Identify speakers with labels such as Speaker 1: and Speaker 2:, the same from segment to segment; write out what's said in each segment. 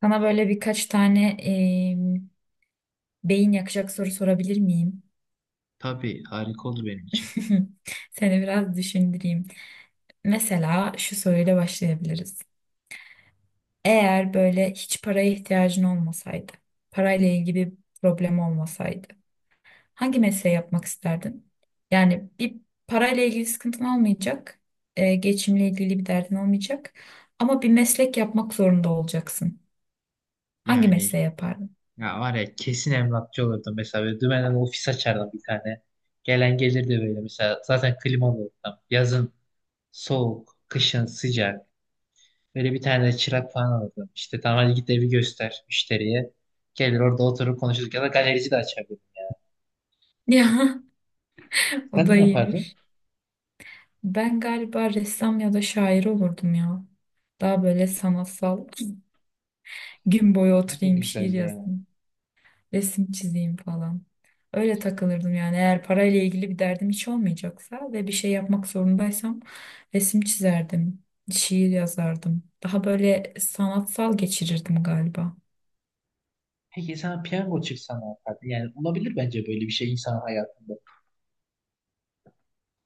Speaker 1: Sana böyle birkaç tane beyin yakacak soru sorabilir miyim?
Speaker 2: Tabii harika olur benim için.
Speaker 1: Seni biraz düşündüreyim. Mesela şu soruyla başlayabiliriz. Eğer böyle hiç paraya ihtiyacın olmasaydı, parayla ilgili bir problem olmasaydı, hangi mesleği yapmak isterdin? Yani bir parayla ilgili sıkıntın olmayacak, geçimle ilgili bir derdin olmayacak ama bir meslek yapmak zorunda olacaksın. Hangi
Speaker 2: Yani
Speaker 1: mesleği yapardın?
Speaker 2: ya var ya kesin emlakçı olurdum mesela. Böyle dümenden ofis açardım bir tane. Gelen gelirdi böyle mesela. Zaten klimalı ortam. Yazın soğuk, kışın sıcak. Böyle bir tane de çırak falan alırdım. İşte tamam, hadi git evi göster müşteriye. Gelir orada oturup konuşuruz. Ya da galerici de açardım.
Speaker 1: Ya, o
Speaker 2: Sen ne
Speaker 1: da
Speaker 2: yapardın?
Speaker 1: iyiymiş. Ben galiba ressam ya da şair olurdum ya. Daha böyle sanatsal. Gün boyu
Speaker 2: O da
Speaker 1: oturayım, şiir
Speaker 2: güzel ya.
Speaker 1: yazayım, resim çizeyim falan. Öyle takılırdım yani. Eğer parayla ilgili bir derdim hiç olmayacaksa ve bir şey yapmak zorundaysam resim çizerdim, şiir yazardım. Daha böyle sanatsal geçirirdim galiba.
Speaker 2: Peki sana piyango çıksa ne yapardın? Yani olabilir bence böyle bir şey insan hayatında.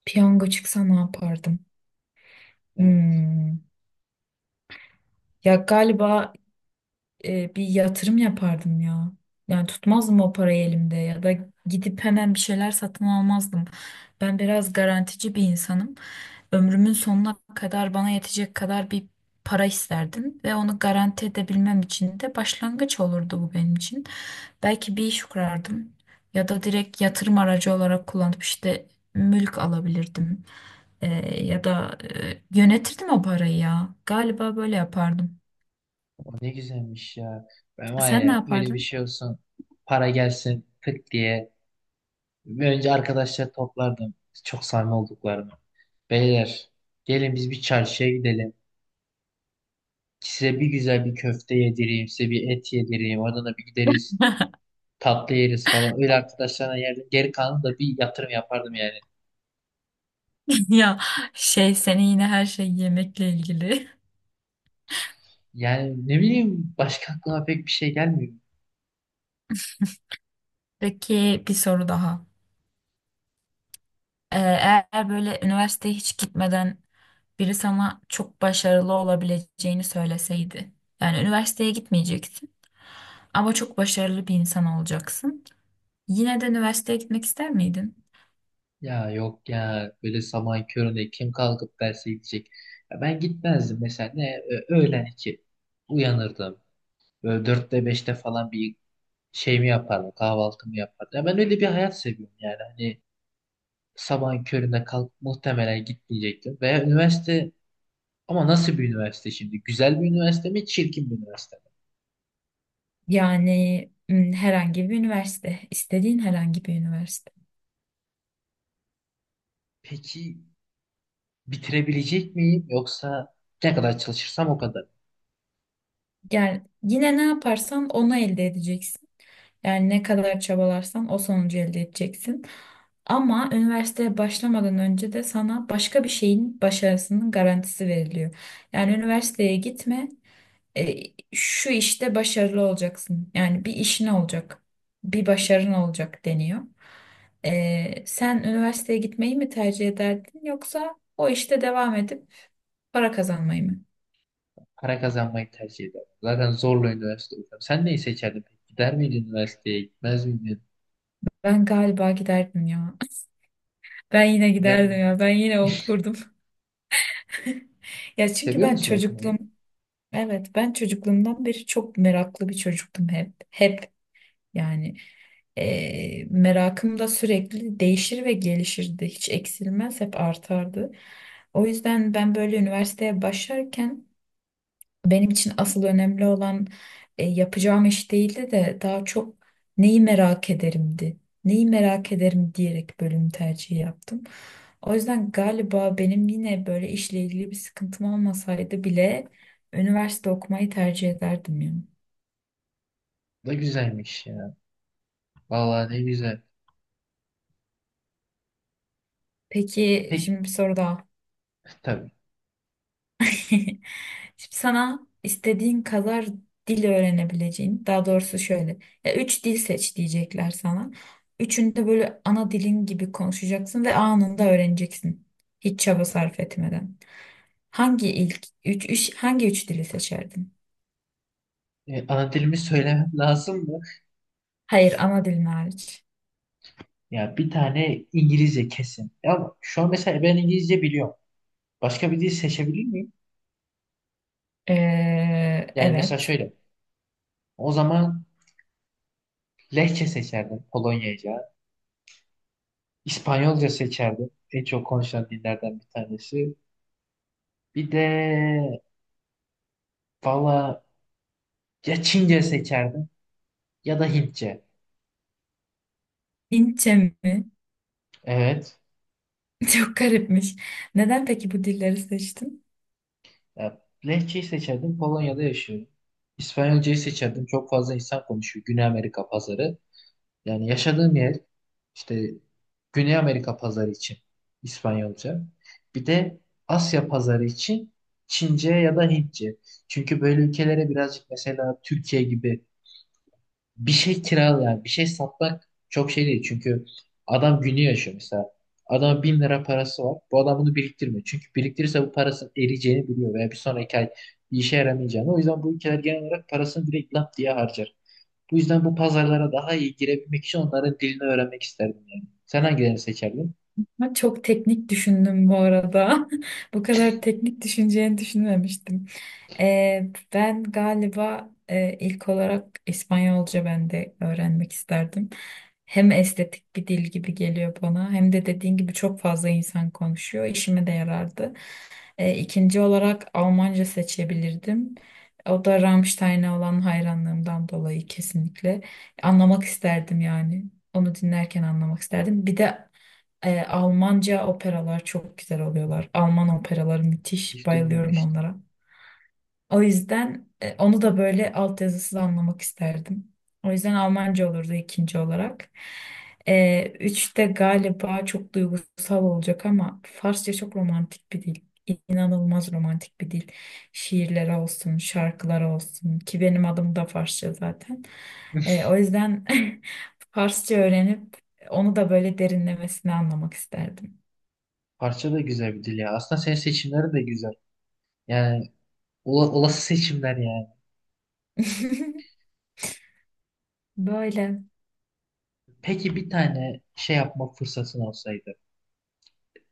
Speaker 1: Piyango çıksa ne yapardım? Hmm. Ya galiba bir yatırım yapardım ya. Yani tutmazdım o parayı elimde ya da gidip hemen bir şeyler satın almazdım. Ben biraz garantici bir insanım. Ömrümün sonuna kadar bana yetecek kadar bir para isterdim ve onu garanti edebilmem için de başlangıç olurdu bu benim için. Belki bir iş kurardım ya da direkt yatırım aracı olarak kullanıp işte mülk alabilirdim. E, Ya da yönetirdim o parayı ya. Galiba böyle yapardım.
Speaker 2: O ne güzelmiş ya. Ben var
Speaker 1: Sen ne
Speaker 2: ya öyle bir
Speaker 1: yapardın?
Speaker 2: şey olsun. Para gelsin tık diye. Önce arkadaşlar toplardım. Çok sarma olduklarını. Beyler, gelin biz bir çarşıya gidelim. Size bir güzel bir köfte yedireyim. Size bir et yedireyim. Oradan da bir gideriz. Tatlı yeriz falan. Öyle arkadaşlarına yerdim. Geri kalanı da bir yatırım yapardım yani.
Speaker 1: Ya şey senin yine her şey yemekle ilgili.
Speaker 2: Yani ne bileyim, başka aklıma pek bir şey gelmiyor.
Speaker 1: Peki bir soru daha. Eğer böyle üniversiteye hiç gitmeden biri sana çok başarılı olabileceğini söyleseydi. Yani üniversiteye gitmeyeceksin ama çok başarılı bir insan olacaksın. Yine de üniversiteye gitmek ister miydin?
Speaker 2: Ya yok ya, böyle sabahın köründe kim kalkıp derse gidecek? Ya ben gitmezdim mesela, ne öğlen iki uyanırdım. Böyle dörtte beşte falan bir şeyimi yapardım, kahvaltımı yapardım. Ya ben öyle bir hayat seviyorum yani, hani sabahın köründe kalk, muhtemelen gitmeyecektim. Veya üniversite, ama nasıl bir üniversite şimdi? Güzel bir üniversite mi, çirkin bir üniversite mi?
Speaker 1: Yani herhangi bir üniversite, istediğin herhangi bir üniversite.
Speaker 2: Peki bitirebilecek miyim, yoksa ne kadar çalışırsam o kadar?
Speaker 1: Yani yine ne yaparsan onu elde edeceksin. Yani ne kadar çabalarsan o sonucu elde edeceksin. Ama üniversiteye başlamadan önce de sana başka bir şeyin başarısının garantisi veriliyor. Yani üniversiteye gitme, e, şu işte başarılı olacaksın. Yani bir işin olacak, bir başarın olacak deniyor. Sen üniversiteye gitmeyi mi tercih ederdin yoksa o işte devam edip para kazanmayı mı?
Speaker 2: Para kazanmayı tercih ederdim. Zaten zorla üniversite okuyorum. Sen neyi seçerdin peki? Gider miydin üniversiteye? Gitmez miydin?
Speaker 1: Ben galiba giderdim ya. Ben yine
Speaker 2: Gider
Speaker 1: giderdim
Speaker 2: miydin?
Speaker 1: ya. Ben yine okurdum. Ya çünkü
Speaker 2: Seviyor
Speaker 1: ben
Speaker 2: musun
Speaker 1: çocukluğum.
Speaker 2: okumayı?
Speaker 1: Evet, ben çocukluğumdan beri çok meraklı bir çocuktum hep. Hep yani merakım da sürekli değişir ve gelişirdi. Hiç eksilmez, hep artardı. O yüzden ben böyle üniversiteye başlarken benim için asıl önemli olan yapacağım iş değildi de daha çok neyi merak ederimdi. Neyi merak ederim diyerek bölüm tercihi yaptım. O yüzden galiba benim yine böyle işle ilgili bir sıkıntım olmasaydı bile üniversite okumayı tercih ederdim yani.
Speaker 2: Ne güzelmiş ya. Vallahi ne güzel.
Speaker 1: Peki
Speaker 2: Pek
Speaker 1: şimdi bir soru daha.
Speaker 2: tabii.
Speaker 1: Şimdi sana istediğin kadar dil öğrenebileceğin, daha doğrusu şöyle, ya üç dil seç diyecekler sana. Üçünü de böyle ana dilin gibi konuşacaksın ve anında öğreneceksin. Hiç çaba sarf etmeden. Hangi üç dili seçerdin?
Speaker 2: Ana dilimi söylemem lazım mı?
Speaker 1: Hayır, ana dilin hariç.
Speaker 2: Ya bir tane İngilizce kesin. Ya şu an mesela ben İngilizce biliyorum. Başka bir dil seçebilir miyim?
Speaker 1: Ee,
Speaker 2: Yani mesela
Speaker 1: evet.
Speaker 2: şöyle. O zaman Lehçe seçerdim, Polonyaca. İspanyolca seçerdim. En çok konuşulan dillerden bir tanesi. Bir de, valla, ya Çince seçerdim ya da Hintçe.
Speaker 1: Hintçe mi?
Speaker 2: Evet.
Speaker 1: Çok garipmiş. Neden peki bu dilleri seçtin?
Speaker 2: Ya, Lehçeyi seçerdim. Polonya'da yaşıyorum. İspanyolcayı seçerdim. Çok fazla insan konuşuyor. Güney Amerika pazarı. Yani yaşadığım yer işte, Güney Amerika pazarı için İspanyolca. Bir de Asya pazarı için Çince ya da Hintçe. Çünkü böyle ülkelere birazcık, mesela Türkiye gibi, bir şey kiralı, yani bir şey satmak çok şey değil, çünkü adam günü yaşıyor mesela. Adam 1.000 lira parası var. Bu adam bunu biriktirmiyor. Çünkü biriktirirse bu parasının eriyeceğini biliyor, veya bir sonraki ay bir işe yaramayacağını. O yüzden bu ülkeler genel olarak parasını direkt lap diye harcar. Bu yüzden bu pazarlara daha iyi girebilmek için onların dilini öğrenmek isterdim yani. Sen hangilerini seçerdin?
Speaker 1: Ama çok teknik düşündüm bu arada. Bu kadar teknik düşüneceğini düşünmemiştim. Ben galiba ilk olarak İspanyolca ben de öğrenmek isterdim. Hem estetik bir dil gibi geliyor bana hem de dediğin gibi çok fazla insan konuşuyor. İşime de yarardı. İkinci olarak Almanca seçebilirdim. O da Rammstein'e olan hayranlığımdan dolayı kesinlikle. Anlamak isterdim yani. Onu dinlerken anlamak isterdim. Bir de Almanca operalar çok güzel oluyorlar. Alman operaları müthiş.
Speaker 2: Hiç
Speaker 1: Bayılıyorum
Speaker 2: duymamıştım.
Speaker 1: onlara. O yüzden onu da böyle altyazısız anlamak isterdim. O yüzden Almanca olurdu ikinci olarak. Üçte galiba çok duygusal olacak ama Farsça çok romantik bir dil. İnanılmaz romantik bir dil. Şiirler olsun, şarkılar olsun ki benim adım da Farsça zaten. O yüzden Farsça öğrenip onu da böyle derinlemesine anlamak isterdim.
Speaker 2: Parça da güzel bir dil ya. Aslında senin seçimlerin de güzel. Yani olası seçimler yani.
Speaker 1: Böyle.
Speaker 2: Peki bir tane şey yapma fırsatın olsaydı,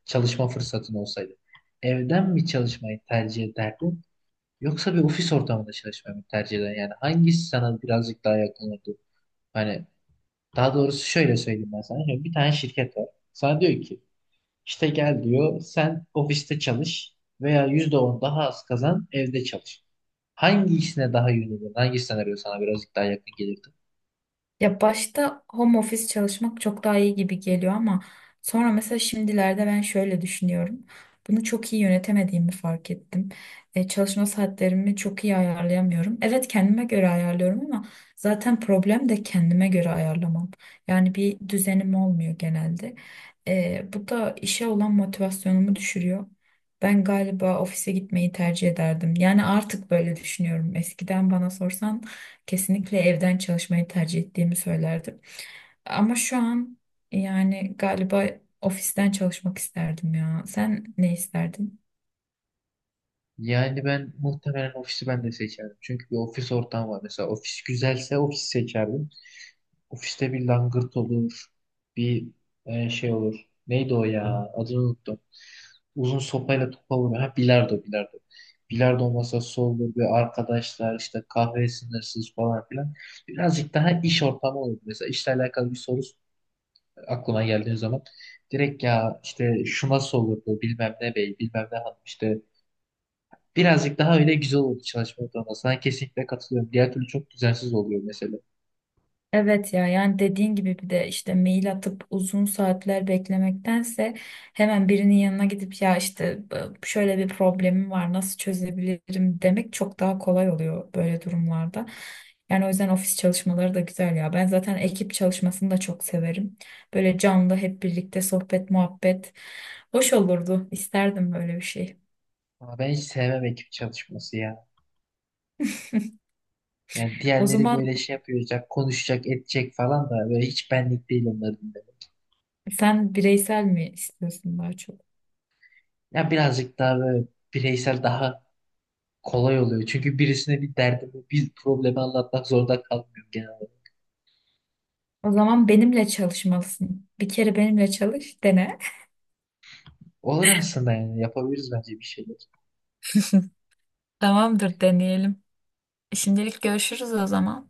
Speaker 2: çalışma fırsatın olsaydı, evden mi çalışmayı tercih ederdin yoksa bir ofis ortamında çalışmayı mı tercih ederdin? Yani hangisi sana birazcık daha yakın olurdu? Hani, daha doğrusu şöyle söyleyeyim ben sana. Şimdi bir tane şirket var. Sana diyor ki, işte gel diyor sen ofiste çalış, veya %10 daha az kazan evde çalış. Hangi işine daha yönelirdin? Hangi senaryo sana birazcık daha yakın gelirdi?
Speaker 1: Ya başta home office çalışmak çok daha iyi gibi geliyor ama sonra mesela şimdilerde ben şöyle düşünüyorum. Bunu çok iyi yönetemediğimi fark ettim. Çalışma saatlerimi çok iyi ayarlayamıyorum. Evet, kendime göre ayarlıyorum ama zaten problem de kendime göre ayarlamam. Yani bir düzenim olmuyor genelde. Bu da işe olan motivasyonumu düşürüyor. Ben galiba ofise gitmeyi tercih ederdim. Yani artık böyle düşünüyorum. Eskiden bana sorsan kesinlikle evden çalışmayı tercih ettiğimi söylerdim. Ama şu an yani galiba ofisten çalışmak isterdim ya. Sen ne isterdin?
Speaker 2: Yani ben muhtemelen ofisi ben de seçerdim. Çünkü bir ofis ortamı var. Mesela ofis güzelse ofisi seçerdim. Ofiste bir langırt olur. Bir şey olur. Neydi o ya? Adını unuttum. Uzun sopayla topa vuruyor. Ha, bilardo, bilardo. Bilardo masası olur. Ve arkadaşlar işte kahve sınırsız falan filan. Birazcık daha iş ortamı olur. Mesela işle alakalı bir soru aklıma geldiği zaman, direkt ya işte şu nasıl olurdu bilmem ne bey, bilmem ne hanım işte, birazcık daha öyle güzel olur çalışma ortamına. Sana kesinlikle katılıyorum. Diğer türlü çok düzensiz oluyor mesela.
Speaker 1: Evet ya, yani dediğin gibi bir de işte mail atıp uzun saatler beklemektense hemen birinin yanına gidip ya işte şöyle bir problemim var, nasıl çözebilirim demek çok daha kolay oluyor böyle durumlarda. Yani o yüzden ofis çalışmaları da güzel ya. Ben zaten ekip çalışmasını da çok severim. Böyle canlı hep birlikte sohbet muhabbet hoş olurdu. İsterdim böyle bir şey.
Speaker 2: Ama ben hiç sevmem ekip çalışması ya. Yani
Speaker 1: O
Speaker 2: diğerleri
Speaker 1: zaman
Speaker 2: böyle şey yapacak, konuşacak, edecek falan da böyle hiç benlik değil onların dinlemek.
Speaker 1: sen bireysel mi istiyorsun daha çok?
Speaker 2: Ya birazcık daha böyle bireysel daha kolay oluyor. Çünkü birisine bir derdimi, bir problemi anlatmak zorunda kalmıyorum genel olarak.
Speaker 1: O zaman benimle çalışmalısın. Bir kere benimle çalış, dene.
Speaker 2: Olur aslında, yani yapabiliriz bence bir şeyler.
Speaker 1: Tamamdır, deneyelim. Şimdilik görüşürüz o zaman.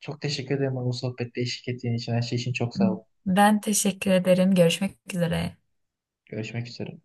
Speaker 2: Çok teşekkür ederim bana bu sohbette eşlik ettiğin için. Her şey için çok sağ ol.
Speaker 1: Ben teşekkür ederim. Görüşmek üzere.
Speaker 2: Görüşmek üzere.